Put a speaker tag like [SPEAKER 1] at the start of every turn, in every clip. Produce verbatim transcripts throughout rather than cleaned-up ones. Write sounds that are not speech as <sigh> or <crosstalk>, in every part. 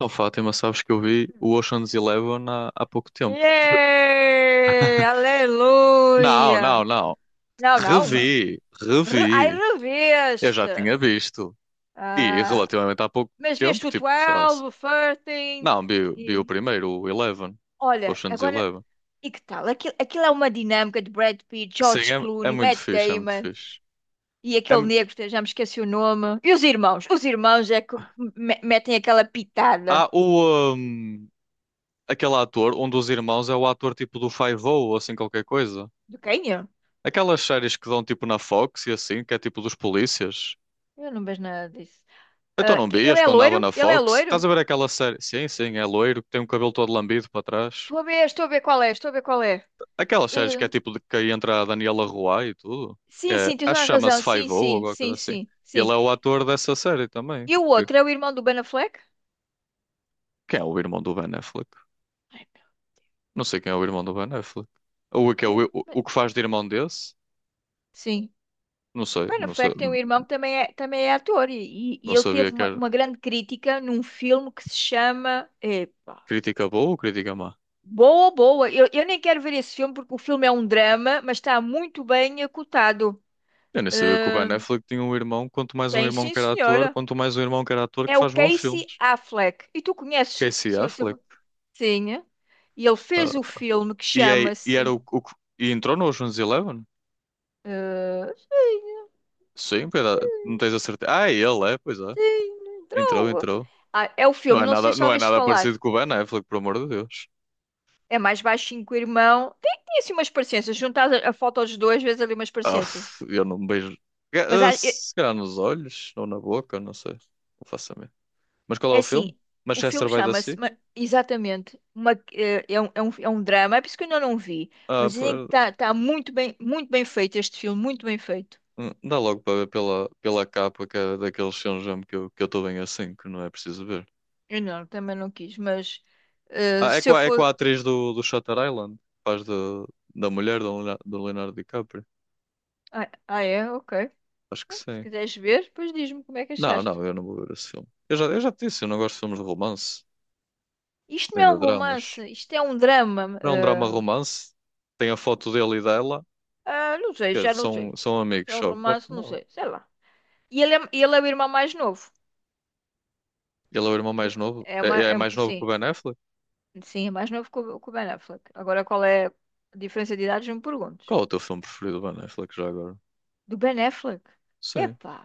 [SPEAKER 1] Não, Fátima, sabes que eu vi o Ocean's Eleven há, há pouco tempo.
[SPEAKER 2] Yay!
[SPEAKER 1] Não, não,
[SPEAKER 2] Aleluia!
[SPEAKER 1] não.
[SPEAKER 2] Não, não.
[SPEAKER 1] Revi,
[SPEAKER 2] Re- Ai,
[SPEAKER 1] revi. Eu já
[SPEAKER 2] reveste.
[SPEAKER 1] tinha visto. E
[SPEAKER 2] Ah,
[SPEAKER 1] relativamente há pouco
[SPEAKER 2] mas
[SPEAKER 1] tempo,
[SPEAKER 2] veste o
[SPEAKER 1] tipo, sei lá.
[SPEAKER 2] doze,
[SPEAKER 1] se-
[SPEAKER 2] o treze
[SPEAKER 1] Não, vi, vi o
[SPEAKER 2] e...
[SPEAKER 1] primeiro, o Eleven.
[SPEAKER 2] Olha,
[SPEAKER 1] Ocean's
[SPEAKER 2] agora...
[SPEAKER 1] Eleven.
[SPEAKER 2] E que tal? Aquilo, aquilo é uma dinâmica de Brad Pitt,
[SPEAKER 1] Sim,
[SPEAKER 2] George
[SPEAKER 1] é, é
[SPEAKER 2] Clooney,
[SPEAKER 1] muito
[SPEAKER 2] Matt
[SPEAKER 1] fixe, é muito
[SPEAKER 2] Damon
[SPEAKER 1] fixe.
[SPEAKER 2] e
[SPEAKER 1] É,
[SPEAKER 2] aquele
[SPEAKER 1] mu-
[SPEAKER 2] negro, que já me esqueci o nome. E os irmãos? Os irmãos é que me- metem aquela pitada.
[SPEAKER 1] há o. hum, aquele ator, um dos irmãos é o ator tipo do Five-O ou assim qualquer coisa.
[SPEAKER 2] De quem é?
[SPEAKER 1] Aquelas séries que dão tipo na Fox e assim, que é tipo dos polícias.
[SPEAKER 2] Eu não vejo nada disso.
[SPEAKER 1] Então
[SPEAKER 2] Ah,
[SPEAKER 1] não
[SPEAKER 2] que- ele
[SPEAKER 1] vias
[SPEAKER 2] é
[SPEAKER 1] quando dava
[SPEAKER 2] loiro?
[SPEAKER 1] na
[SPEAKER 2] Ele é
[SPEAKER 1] Fox? Estás
[SPEAKER 2] loiro?
[SPEAKER 1] a ver aquela série? Sim, sim, é loiro, que tem o cabelo todo lambido para trás.
[SPEAKER 2] Estou a ver, estou a ver qual é, estou a ver qual é.
[SPEAKER 1] Aquelas séries
[SPEAKER 2] Eh,
[SPEAKER 1] que é tipo de que aí entra a Daniela Ruai e tudo. Que
[SPEAKER 2] sim,
[SPEAKER 1] é,
[SPEAKER 2] sim, tens
[SPEAKER 1] acho
[SPEAKER 2] toda
[SPEAKER 1] que
[SPEAKER 2] a razão.
[SPEAKER 1] chama-se
[SPEAKER 2] Sim,
[SPEAKER 1] Five-O ou
[SPEAKER 2] sim,
[SPEAKER 1] alguma coisa
[SPEAKER 2] sim,
[SPEAKER 1] assim.
[SPEAKER 2] sim,
[SPEAKER 1] E
[SPEAKER 2] sim.
[SPEAKER 1] ele é o ator dessa série também.
[SPEAKER 2] E o
[SPEAKER 1] Que-
[SPEAKER 2] outro é o irmão do Ben Affleck?
[SPEAKER 1] Quem é o irmão do Ben Affleck?
[SPEAKER 2] Ai, meu-
[SPEAKER 1] Não sei quem é o irmão do Ben Affleck. O que é
[SPEAKER 2] ai,
[SPEAKER 1] o, o, o
[SPEAKER 2] mas-
[SPEAKER 1] que faz de irmão desse?
[SPEAKER 2] Sim.
[SPEAKER 1] Não sei,
[SPEAKER 2] Ben
[SPEAKER 1] não sei.
[SPEAKER 2] Affleck tem um irmão que também é, também é ator e, e- e
[SPEAKER 1] Não
[SPEAKER 2] ele
[SPEAKER 1] sabia
[SPEAKER 2] teve
[SPEAKER 1] que
[SPEAKER 2] uma,
[SPEAKER 1] era
[SPEAKER 2] uma grande crítica num filme que se chama epá.
[SPEAKER 1] crítica boa ou crítica má.
[SPEAKER 2] Boa, boa. Eu, eu nem quero ver esse filme porque o filme é um drama, mas está muito bem acotado.
[SPEAKER 1] Eu nem sabia que o
[SPEAKER 2] Eh,
[SPEAKER 1] Ben Affleck tinha um irmão, quanto mais um
[SPEAKER 2] tem
[SPEAKER 1] irmão
[SPEAKER 2] sim,
[SPEAKER 1] que era ator,
[SPEAKER 2] senhora.
[SPEAKER 1] quanto mais um irmão que era ator que
[SPEAKER 2] É o
[SPEAKER 1] faz bons
[SPEAKER 2] Casey
[SPEAKER 1] filmes.
[SPEAKER 2] Affleck. E tu conheces,
[SPEAKER 1] Casey
[SPEAKER 2] se, se,
[SPEAKER 1] Affleck.
[SPEAKER 2] sim. E ele
[SPEAKER 1] ah,
[SPEAKER 2] fez o filme que
[SPEAKER 1] E, é, e era
[SPEAKER 2] chama-se.
[SPEAKER 1] o, o que- e entrou no Ocean's Eleven?
[SPEAKER 2] eh,
[SPEAKER 1] Sim, pera, não tens a certeza. Ah, é, ele é, pois é.
[SPEAKER 2] sim,
[SPEAKER 1] Entrou,
[SPEAKER 2] droga.
[SPEAKER 1] entrou.
[SPEAKER 2] Ah, é o
[SPEAKER 1] Não
[SPEAKER 2] filme,
[SPEAKER 1] é
[SPEAKER 2] não sei
[SPEAKER 1] nada,
[SPEAKER 2] se já
[SPEAKER 1] não é
[SPEAKER 2] ouviste
[SPEAKER 1] nada
[SPEAKER 2] falar.
[SPEAKER 1] parecido com o Ben Affleck, por amor de Deus.
[SPEAKER 2] É mais baixinho que o irmão. Tem, tem assim umas parecenças. Juntar a, a foto dos dois, vezes ali umas
[SPEAKER 1] Ah,
[SPEAKER 2] parecenças.
[SPEAKER 1] eu não me beijo.
[SPEAKER 2] Mas
[SPEAKER 1] Ga- ah,
[SPEAKER 2] há- é,
[SPEAKER 1] Se calhar nos olhos ou na boca, não sei. Não faço a mim. Mas qual é
[SPEAKER 2] é
[SPEAKER 1] o filme?
[SPEAKER 2] assim: o
[SPEAKER 1] Manchester
[SPEAKER 2] filme
[SPEAKER 1] by the
[SPEAKER 2] chama-se
[SPEAKER 1] Sea?
[SPEAKER 2] ma- exatamente. Uma, eh, é, um, é, um, é um drama. É por isso que eu ainda não vi.
[SPEAKER 1] Ah,
[SPEAKER 2] Mas dizem que
[SPEAKER 1] pera-
[SPEAKER 2] está tá tá muito bem, muito bem feito este filme, muito bem feito.
[SPEAKER 1] hum, dá logo para ver pela, pela capa, que é daqueles filmes mesmo que eu que eu estou bem assim, que não é preciso ver.
[SPEAKER 2] Eu não, também não quis. Mas eh,
[SPEAKER 1] Ah, é
[SPEAKER 2] se
[SPEAKER 1] com
[SPEAKER 2] eu
[SPEAKER 1] a, é com a
[SPEAKER 2] for.
[SPEAKER 1] atriz do, do Shutter Island, que faz de, da mulher do Leonardo- do Leonardo DiCaprio.
[SPEAKER 2] Ah, ah, é? Ok.
[SPEAKER 1] Acho que
[SPEAKER 2] Se
[SPEAKER 1] sim.
[SPEAKER 2] quiseres ver, depois diz-me como é que
[SPEAKER 1] Não,
[SPEAKER 2] achaste.
[SPEAKER 1] não, eu não vou ver esse filme. Eu já, eu já te disse, eu não gosto de filmes de romance,
[SPEAKER 2] Isto não
[SPEAKER 1] nem
[SPEAKER 2] é
[SPEAKER 1] de
[SPEAKER 2] um
[SPEAKER 1] dramas.
[SPEAKER 2] romance, isto é um drama.
[SPEAKER 1] Não é um drama romance. Tem a foto dele e dela,
[SPEAKER 2] Ah, ah, não sei,
[SPEAKER 1] que
[SPEAKER 2] já não sei.
[SPEAKER 1] são, são
[SPEAKER 2] Se
[SPEAKER 1] amigos
[SPEAKER 2] é um
[SPEAKER 1] só. Claro
[SPEAKER 2] romance,
[SPEAKER 1] que
[SPEAKER 2] não
[SPEAKER 1] não.
[SPEAKER 2] sei, sei lá. E ele é, ele é o irmão mais novo.
[SPEAKER 1] Ele é o irmão mais
[SPEAKER 2] Do-
[SPEAKER 1] novo.
[SPEAKER 2] é uma,
[SPEAKER 1] É, é
[SPEAKER 2] é-
[SPEAKER 1] mais novo que o
[SPEAKER 2] sim,
[SPEAKER 1] Ben Affleck?
[SPEAKER 2] sim, é mais novo que o, que o Ben Affleck. Agora, qual é a diferença de idades? Não me perguntes.
[SPEAKER 1] Qual é o teu filme preferido do Ben Affleck já agora?
[SPEAKER 2] Do Ben Affleck?
[SPEAKER 1] Sim.
[SPEAKER 2] Epá.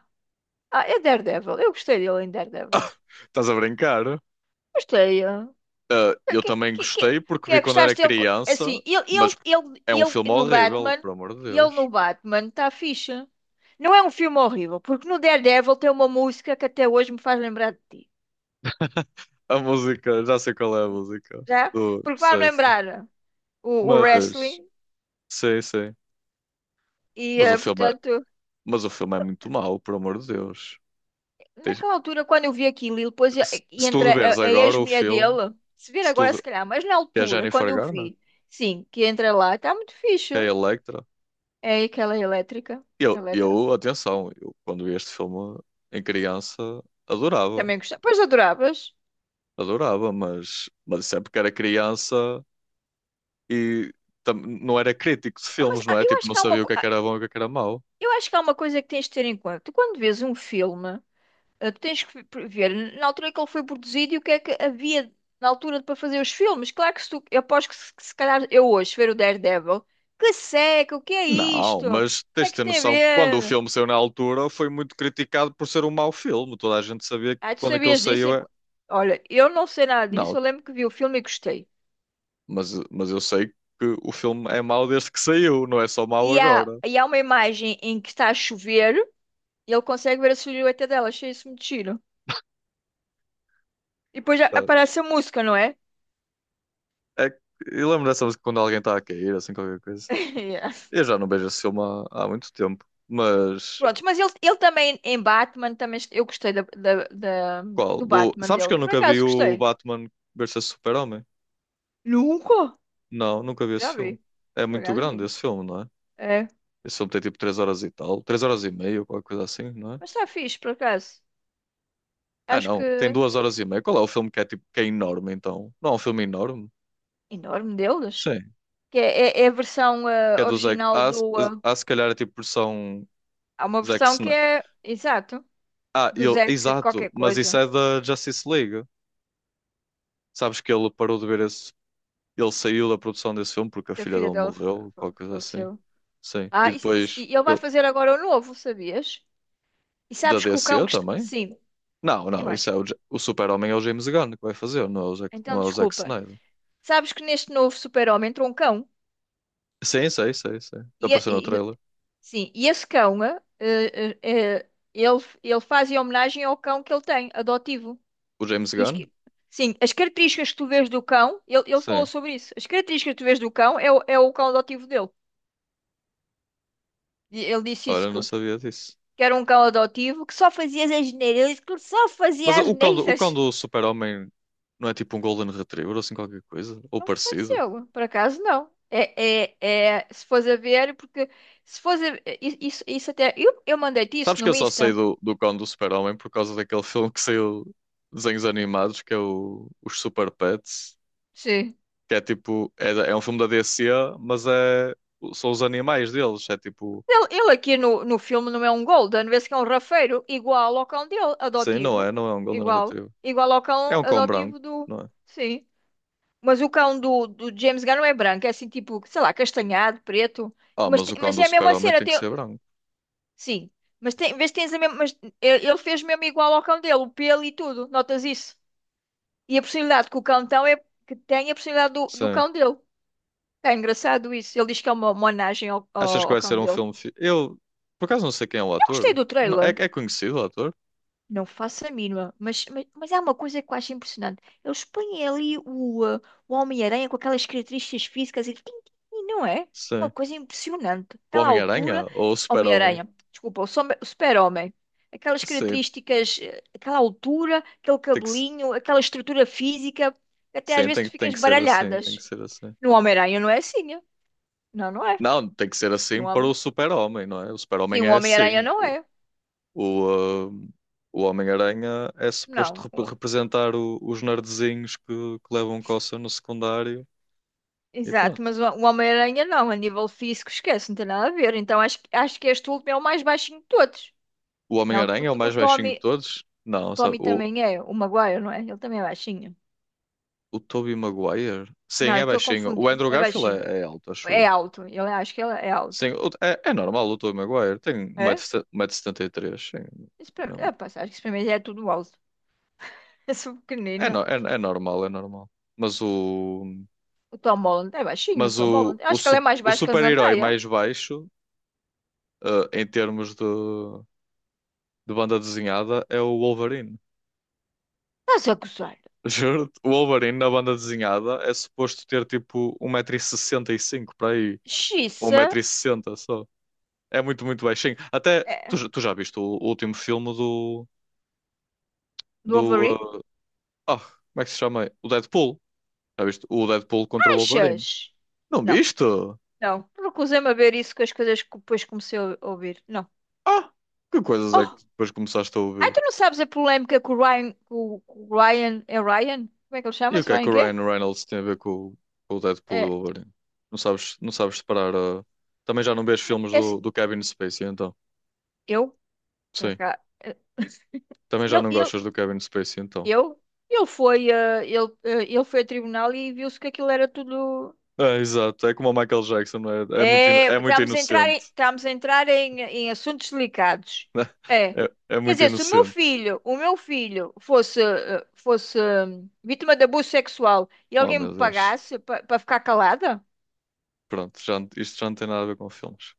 [SPEAKER 2] Ah, é Daredevil. Eu gostei dele em Daredevil.
[SPEAKER 1] <laughs> Estás a brincar?
[SPEAKER 2] Gostei. ah.
[SPEAKER 1] Ah, eu
[SPEAKER 2] Que,
[SPEAKER 1] também
[SPEAKER 2] que, que,
[SPEAKER 1] gostei porque
[SPEAKER 2] que
[SPEAKER 1] vi
[SPEAKER 2] é,
[SPEAKER 1] quando era
[SPEAKER 2] gostaste dele? co-
[SPEAKER 1] criança,
[SPEAKER 2] Assim, ele, ele,
[SPEAKER 1] mas
[SPEAKER 2] ele,
[SPEAKER 1] é um filme
[SPEAKER 2] ele no
[SPEAKER 1] horrível,
[SPEAKER 2] Batman,
[SPEAKER 1] por amor de
[SPEAKER 2] ele
[SPEAKER 1] Deus.
[SPEAKER 2] no Batman está fixe. Não é um filme horrível, porque no Daredevil tem uma música que até hoje me faz lembrar de ti.
[SPEAKER 1] <laughs> A música, já sei qual é a música.
[SPEAKER 2] Já?
[SPEAKER 1] Do,
[SPEAKER 2] Porque faz-me
[SPEAKER 1] sei, sei.
[SPEAKER 2] lembrar o, o
[SPEAKER 1] Mas.
[SPEAKER 2] wrestling
[SPEAKER 1] Sei, sei.
[SPEAKER 2] e,
[SPEAKER 1] Mas o
[SPEAKER 2] eh,
[SPEAKER 1] filme é,
[SPEAKER 2] portanto,
[SPEAKER 1] mas o filme é muito mau, por amor de Deus. Tens-
[SPEAKER 2] naquela altura, quando eu vi aquilo e depois e-
[SPEAKER 1] Se,
[SPEAKER 2] e
[SPEAKER 1] se tu
[SPEAKER 2] entra
[SPEAKER 1] reveres
[SPEAKER 2] a, a
[SPEAKER 1] agora o
[SPEAKER 2] ex-mulher
[SPEAKER 1] filme,
[SPEAKER 2] dele, se vir
[SPEAKER 1] se tu
[SPEAKER 2] agora,
[SPEAKER 1] re-
[SPEAKER 2] se calhar, mas na
[SPEAKER 1] que é a
[SPEAKER 2] altura, quando
[SPEAKER 1] Jennifer
[SPEAKER 2] eu
[SPEAKER 1] Garner,
[SPEAKER 2] vi, sim, que entra lá, está muito fixe.
[SPEAKER 1] que é a Electra,
[SPEAKER 2] É aquela elétrica,
[SPEAKER 1] eu,
[SPEAKER 2] elétrica.
[SPEAKER 1] eu, atenção, eu quando vi este filme em criança adorava,
[SPEAKER 2] Também gostava. Pois adoravas.
[SPEAKER 1] adorava, mas, mas sempre que era criança e tam- não era crítico de
[SPEAKER 2] Mas
[SPEAKER 1] filmes, não
[SPEAKER 2] ah,
[SPEAKER 1] é?
[SPEAKER 2] eu
[SPEAKER 1] Tipo,
[SPEAKER 2] acho
[SPEAKER 1] não
[SPEAKER 2] que há uma,
[SPEAKER 1] sabia o
[SPEAKER 2] co-
[SPEAKER 1] que é que
[SPEAKER 2] ah,
[SPEAKER 1] era bom e o que é que era mau.
[SPEAKER 2] eu acho que há uma coisa que tens de ter em conta. Tu, quando vês um filme, ah, tu tens que ver ver na altura em que ele foi produzido e o que é que havia na altura para fazer os filmes. Claro que se tu, eu aposto que se, que se calhar eu hoje ver o Daredevil, que seca, o que é
[SPEAKER 1] Não,
[SPEAKER 2] isto? O
[SPEAKER 1] mas
[SPEAKER 2] que
[SPEAKER 1] tens
[SPEAKER 2] é
[SPEAKER 1] de
[SPEAKER 2] que
[SPEAKER 1] ter
[SPEAKER 2] isto tem a
[SPEAKER 1] noção que quando o
[SPEAKER 2] ver?
[SPEAKER 1] filme saiu na altura foi muito criticado por ser um mau filme. Toda a gente sabia que
[SPEAKER 2] Ah, tu
[SPEAKER 1] quando aquilo
[SPEAKER 2] sabias disso?
[SPEAKER 1] saiu é.
[SPEAKER 2] Enqu- Olha, eu não sei nada disso,
[SPEAKER 1] Não,
[SPEAKER 2] eu lembro que vi o filme e gostei.
[SPEAKER 1] mas, mas eu sei que o filme é mau desde que saiu, não é só mau
[SPEAKER 2] E há,
[SPEAKER 1] agora.
[SPEAKER 2] e há uma imagem em que está a chover e ele consegue ver a silhueta dela, achei isso muito giro. E depois já
[SPEAKER 1] Tá?
[SPEAKER 2] aparece a música, não é?
[SPEAKER 1] É, que- eu lembro dessa música quando alguém está a cair, assim, qualquer coisa.
[SPEAKER 2] <laughs> Yeah.
[SPEAKER 1] Eu já não vejo esse filme há, há muito tempo. Mas
[SPEAKER 2] Prontos, mas ele, ele também em Batman, também est- eu gostei da, da, da-
[SPEAKER 1] qual?
[SPEAKER 2] do
[SPEAKER 1] Do,
[SPEAKER 2] Batman
[SPEAKER 1] sabes que
[SPEAKER 2] dele.
[SPEAKER 1] eu
[SPEAKER 2] Por
[SPEAKER 1] nunca vi
[SPEAKER 2] acaso
[SPEAKER 1] o
[SPEAKER 2] gostei?
[SPEAKER 1] Batman versus Super-Homem?
[SPEAKER 2] Nunca?
[SPEAKER 1] Não, nunca vi esse
[SPEAKER 2] Já
[SPEAKER 1] filme.
[SPEAKER 2] vi.
[SPEAKER 1] É
[SPEAKER 2] Por
[SPEAKER 1] muito
[SPEAKER 2] acaso
[SPEAKER 1] grande
[SPEAKER 2] vi.
[SPEAKER 1] esse filme, não é?
[SPEAKER 2] É.
[SPEAKER 1] Esse filme tem tipo três horas e tal, três horas e meia, ou qualquer coisa assim, não é?
[SPEAKER 2] Mas está fixe, por acaso.
[SPEAKER 1] Ah,
[SPEAKER 2] Acho
[SPEAKER 1] não, tem
[SPEAKER 2] que
[SPEAKER 1] duas horas e meia. Qual é o filme que é tipo que é enorme então? Não é um filme enorme?
[SPEAKER 2] enorme deles.
[SPEAKER 1] Sim.
[SPEAKER 2] Que é, é, é a versão
[SPEAKER 1] Que é
[SPEAKER 2] ah,
[SPEAKER 1] do Zack.
[SPEAKER 2] original
[SPEAKER 1] Ah, se
[SPEAKER 2] do. ah,
[SPEAKER 1] ah, se calhar é tipo versão
[SPEAKER 2] há uma
[SPEAKER 1] Zack
[SPEAKER 2] versão que
[SPEAKER 1] Snyder.
[SPEAKER 2] é. Exato.
[SPEAKER 1] Ah,
[SPEAKER 2] Do
[SPEAKER 1] ele,
[SPEAKER 2] Zack
[SPEAKER 1] exato,
[SPEAKER 2] qualquer
[SPEAKER 1] mas isso
[SPEAKER 2] coisa.
[SPEAKER 1] é da Justice League. Sabes que ele parou de ver esse. Ele saiu da produção desse filme porque a
[SPEAKER 2] Que a
[SPEAKER 1] filha
[SPEAKER 2] filha
[SPEAKER 1] dele
[SPEAKER 2] dela fa-
[SPEAKER 1] morreu,
[SPEAKER 2] fa-
[SPEAKER 1] qualquer coisa assim.
[SPEAKER 2] faleceu.
[SPEAKER 1] Sim. E
[SPEAKER 2] Ah, e, e-
[SPEAKER 1] depois
[SPEAKER 2] e ele vai
[SPEAKER 1] pel-
[SPEAKER 2] fazer agora o novo, sabias? E
[SPEAKER 1] da
[SPEAKER 2] sabes que o cão
[SPEAKER 1] D C
[SPEAKER 2] que está.
[SPEAKER 1] também?
[SPEAKER 2] Sim,
[SPEAKER 1] Não,
[SPEAKER 2] eu
[SPEAKER 1] não, isso
[SPEAKER 2] acho.
[SPEAKER 1] é o, Ja- o Super-Homem é o James Gunn que vai fazer, não é o Zack, não
[SPEAKER 2] Então,
[SPEAKER 1] é o Zack
[SPEAKER 2] desculpa.
[SPEAKER 1] Snyder.
[SPEAKER 2] Sabes que neste novo super-homem entrou um cão.
[SPEAKER 1] Sim, sei, sei, sei. Está
[SPEAKER 2] E, a-
[SPEAKER 1] aparecendo no
[SPEAKER 2] e- e-
[SPEAKER 1] trailer.
[SPEAKER 2] sim, e esse cão, eh, eh, eh, ele, ele faz em homenagem ao cão que ele tem, adotivo.
[SPEAKER 1] O James
[SPEAKER 2] E
[SPEAKER 1] Gunn?
[SPEAKER 2] esque- sim, as características que tu vês do cão, ele, ele falou
[SPEAKER 1] Sim.
[SPEAKER 2] sobre isso. As características que tu vês do cão é, o- é o cão adotivo dele. E ele disse isso,
[SPEAKER 1] Ora,
[SPEAKER 2] que,
[SPEAKER 1] não sabia disso.
[SPEAKER 2] que era um cão adotivo que só fazia as asneiras. Ele disse que só
[SPEAKER 1] Mas
[SPEAKER 2] fazia as
[SPEAKER 1] o cão do, o cão
[SPEAKER 2] asneiras.
[SPEAKER 1] do Super-Homem não é tipo um Golden Retriever ou assim qualquer coisa? Ou
[SPEAKER 2] Não me
[SPEAKER 1] parecido?
[SPEAKER 2] pareceu, por acaso não. É, é, é, se fores a ver, porque se fores a, isso, isso até. Eu, eu mandei-te isso
[SPEAKER 1] Sabes que eu
[SPEAKER 2] no
[SPEAKER 1] só sei
[SPEAKER 2] Insta.
[SPEAKER 1] do, do cão do Super-Homem por causa daquele <laughs> filme que saiu de desenhos animados, que é o, os Super Pets,
[SPEAKER 2] Sim.
[SPEAKER 1] que é tipo, é, da- é um filme da D C, mas é, são os animais deles, é tipo,
[SPEAKER 2] Ele, ele aqui no, no filme não é um Golden, vê-se que é um rafeiro igual ao cão dele,
[SPEAKER 1] sim, não é,
[SPEAKER 2] adotivo.
[SPEAKER 1] não é um Golden
[SPEAKER 2] Igual.
[SPEAKER 1] Retriever.
[SPEAKER 2] Igual ao
[SPEAKER 1] É
[SPEAKER 2] cão
[SPEAKER 1] um cão
[SPEAKER 2] adotivo
[SPEAKER 1] branco,
[SPEAKER 2] do.
[SPEAKER 1] não é?
[SPEAKER 2] Sim. Mas o cão do, do James Gunn não é branco, é assim tipo, sei lá, castanhado, preto.
[SPEAKER 1] Ah,
[SPEAKER 2] Mas,
[SPEAKER 1] mas
[SPEAKER 2] te-
[SPEAKER 1] o cão
[SPEAKER 2] mas
[SPEAKER 1] do
[SPEAKER 2] é a mesma
[SPEAKER 1] Super-Homem
[SPEAKER 2] cena.
[SPEAKER 1] tem que
[SPEAKER 2] Tem,
[SPEAKER 1] ser branco,
[SPEAKER 2] sim. Mas tem, vês que tens a mesma. Mas ele ele fez mesmo igual ao cão dele, o pelo e tudo. Notas isso? E a possibilidade que o cão tem é que tem a possibilidade do, do
[SPEAKER 1] sim.
[SPEAKER 2] cão dele. É engraçado isso. Ele diz que é uma uma homenagem ao,
[SPEAKER 1] Achas
[SPEAKER 2] ao,
[SPEAKER 1] que
[SPEAKER 2] ao
[SPEAKER 1] vai
[SPEAKER 2] cão
[SPEAKER 1] ser um
[SPEAKER 2] dele.
[SPEAKER 1] filme? fi- Eu, por acaso, não sei quem é o
[SPEAKER 2] Eu gostei
[SPEAKER 1] ator.
[SPEAKER 2] do
[SPEAKER 1] Não- É,
[SPEAKER 2] trailer.
[SPEAKER 1] é conhecido o ator?
[SPEAKER 2] Não faço a mínima, mas, mas, mas há uma coisa que eu acho impressionante. Eles põem ali o, ah, o Homem-Aranha com aquelas características físicas e, tim, tim, tim, não é? Uma
[SPEAKER 1] Sim.
[SPEAKER 2] coisa impressionante.
[SPEAKER 1] O
[SPEAKER 2] Aquela altura,
[SPEAKER 1] Homem-Aranha ou o Super-Homem?
[SPEAKER 2] Homem-Aranha, desculpa, o som- o Super-Homem. Aquelas
[SPEAKER 1] Sim,
[SPEAKER 2] características, eh, aquela altura, aquele
[SPEAKER 1] tem que, se-
[SPEAKER 2] cabelinho, aquela estrutura física, até às
[SPEAKER 1] sim
[SPEAKER 2] vezes
[SPEAKER 1] tem,
[SPEAKER 2] tu
[SPEAKER 1] tem
[SPEAKER 2] ficas
[SPEAKER 1] que ser assim, tem que
[SPEAKER 2] baralhadas.
[SPEAKER 1] ser assim.
[SPEAKER 2] No Homem-Aranha não é assim, é? Não, não é.
[SPEAKER 1] Não, tem que ser
[SPEAKER 2] No
[SPEAKER 1] assim para
[SPEAKER 2] Homem...
[SPEAKER 1] o Super-Homem, não é? O
[SPEAKER 2] Sim,
[SPEAKER 1] Super-Homem
[SPEAKER 2] o
[SPEAKER 1] é
[SPEAKER 2] Homem-Aranha
[SPEAKER 1] assim.
[SPEAKER 2] não
[SPEAKER 1] O,
[SPEAKER 2] é.
[SPEAKER 1] o, ah, o Homem-Aranha é suposto
[SPEAKER 2] Não.
[SPEAKER 1] rep- representar o- os nerdzinhos que, que levam coça no secundário e pronto.
[SPEAKER 2] Exato, mas o o Homem-Aranha não, a nível físico, esquece, não tem nada a ver. Então acho, que- acho que este último é o mais baixinho de todos.
[SPEAKER 1] O
[SPEAKER 2] Não,
[SPEAKER 1] Homem-Aranha é o
[SPEAKER 2] o, o
[SPEAKER 1] mais baixinho de
[SPEAKER 2] Tommy,
[SPEAKER 1] todos? Não, sabe?
[SPEAKER 2] Tommy
[SPEAKER 1] O,
[SPEAKER 2] também é, o Maguire, não é? Ele também é baixinho.
[SPEAKER 1] o Tobey Maguire? Sim,
[SPEAKER 2] Não, eu
[SPEAKER 1] é
[SPEAKER 2] estou a
[SPEAKER 1] baixinho. O
[SPEAKER 2] confundir.
[SPEAKER 1] Andrew
[SPEAKER 2] É
[SPEAKER 1] Garfield
[SPEAKER 2] baixinho.
[SPEAKER 1] é, é alto, acho
[SPEAKER 2] É
[SPEAKER 1] eu.
[SPEAKER 2] alto. Eu acho que ele é alto.
[SPEAKER 1] Sim, o- é, é normal o Tobey Maguire. Tem um
[SPEAKER 2] É?
[SPEAKER 1] metro e setenta e três sim.
[SPEAKER 2] Isso para mim, é, pá, acho que isso para mim já é tudo alto. <laughs> Eu sou
[SPEAKER 1] É,
[SPEAKER 2] pequenina.
[SPEAKER 1] no- é, é normal, é normal. Mas o,
[SPEAKER 2] O Tom Holland é baixinho, o
[SPEAKER 1] mas
[SPEAKER 2] Tom
[SPEAKER 1] o,
[SPEAKER 2] Holland. Eu
[SPEAKER 1] o,
[SPEAKER 2] acho que ele é
[SPEAKER 1] su-
[SPEAKER 2] mais
[SPEAKER 1] o
[SPEAKER 2] baixo que a
[SPEAKER 1] super-herói
[SPEAKER 2] Zendaya.
[SPEAKER 1] mais baixo, eh, em termos de, de banda desenhada, é o Wolverine.
[SPEAKER 2] Estás a gozar?
[SPEAKER 1] <laughs> Juro, o Wolverine na banda desenhada é suposto ter tipo um metro e sessenta e cinco para aí. Ou um
[SPEAKER 2] Xiça
[SPEAKER 1] metro e sessenta só. É muito, muito baixinho. Até, tu,
[SPEAKER 2] é,
[SPEAKER 1] já- tu já viste o, o último filme do,
[SPEAKER 2] do
[SPEAKER 1] do,
[SPEAKER 2] Overy?
[SPEAKER 1] eh, ah, como é que se chama? O Deadpool. Já viste o Deadpool contra o Wolverine?
[SPEAKER 2] Achas?
[SPEAKER 1] Não
[SPEAKER 2] Não.
[SPEAKER 1] viste?
[SPEAKER 2] Não, recusei-me a ver isso com as coisas que depois comecei a ouvir. Não.
[SPEAKER 1] Ah, que coisas é
[SPEAKER 2] Oh,
[SPEAKER 1] que depois começaste a
[SPEAKER 2] ai,
[SPEAKER 1] ouvir?
[SPEAKER 2] tu não sabes a polémica com o Ryan. Com, com o Ryan. É Ryan? Como é que ele
[SPEAKER 1] E o
[SPEAKER 2] chama-se?
[SPEAKER 1] que é que
[SPEAKER 2] Ryan
[SPEAKER 1] o
[SPEAKER 2] quê?
[SPEAKER 1] Ryan Reynolds tem a ver com, o com o Deadpool e o
[SPEAKER 2] É.
[SPEAKER 1] Wolverine? Não sabes, não sabes separar. ah, Também já não vês filmes
[SPEAKER 2] Esse,
[SPEAKER 1] do, do Kevin Spacey, então.
[SPEAKER 2] eu? Para
[SPEAKER 1] Sim.
[SPEAKER 2] cá. eh,
[SPEAKER 1] Também já
[SPEAKER 2] Ele,
[SPEAKER 1] não
[SPEAKER 2] ele,
[SPEAKER 1] gostas do Kevin Spacey, então.
[SPEAKER 2] eu? Ele foi, eh, ele, eh, ele foi a tribunal e viu-se que aquilo era tudo.
[SPEAKER 1] É, exato. É como o Michael Jackson, não é? É muito, ino-
[SPEAKER 2] É,
[SPEAKER 1] é muito
[SPEAKER 2] estamos a entrar em,
[SPEAKER 1] inocente.
[SPEAKER 2] estamos a entrar em, em assuntos delicados.
[SPEAKER 1] <laughs>
[SPEAKER 2] É.
[SPEAKER 1] É, é
[SPEAKER 2] Quer
[SPEAKER 1] muito
[SPEAKER 2] dizer, se o meu
[SPEAKER 1] inocente.
[SPEAKER 2] filho, o meu filho fosse, eh, fosse hum, vítima de abuso sexual e
[SPEAKER 1] Oh,
[SPEAKER 2] alguém me
[SPEAKER 1] meu Deus.
[SPEAKER 2] pagasse para ficar calada,
[SPEAKER 1] Pronto, já, não- isto já não tem nada a ver com filmes.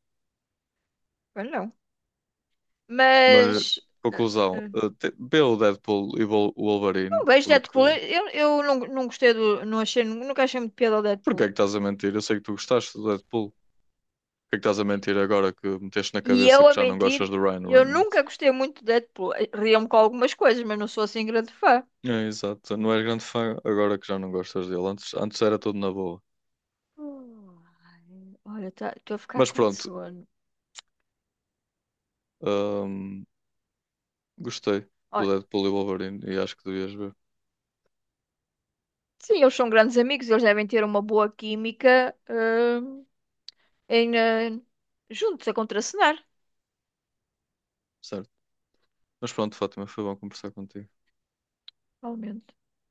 [SPEAKER 2] eu não.
[SPEAKER 1] Mas,
[SPEAKER 2] Mas eh,
[SPEAKER 1] conclusão,
[SPEAKER 2] eh,
[SPEAKER 1] ah, te- vê o Deadpool e o Wolverine,
[SPEAKER 2] não vejo
[SPEAKER 1] porque.
[SPEAKER 2] Deadpool. Eu, eu não, não gostei do, não achei, nunca achei muito piada ao
[SPEAKER 1] Porquê é
[SPEAKER 2] Deadpool.
[SPEAKER 1] que estás a mentir? Eu sei que tu gostaste do Deadpool. Porquê é que estás a mentir agora que meteste na
[SPEAKER 2] E eu
[SPEAKER 1] cabeça que
[SPEAKER 2] a
[SPEAKER 1] já não gostas
[SPEAKER 2] mentir,
[SPEAKER 1] do Ryan
[SPEAKER 2] eu nunca
[SPEAKER 1] Reynolds?
[SPEAKER 2] gostei muito de Deadpool. Riam-me com algumas coisas, mas não sou assim grande fã.
[SPEAKER 1] É, exato. Não és grande fã agora que já não gostas dele. Antes, antes era tudo na boa.
[SPEAKER 2] Ai, olha, estou a ficar
[SPEAKER 1] Mas
[SPEAKER 2] com
[SPEAKER 1] pronto,
[SPEAKER 2] sono.
[SPEAKER 1] hum, gostei do
[SPEAKER 2] Olha,
[SPEAKER 1] Deadpool e Wolverine e acho que devias ver.
[SPEAKER 2] sim, eles são grandes amigos, eles devem ter uma boa química, hum, em, eh, juntos a contracenar,
[SPEAKER 1] Certo. Mas pronto, Fátima, foi bom conversar contigo.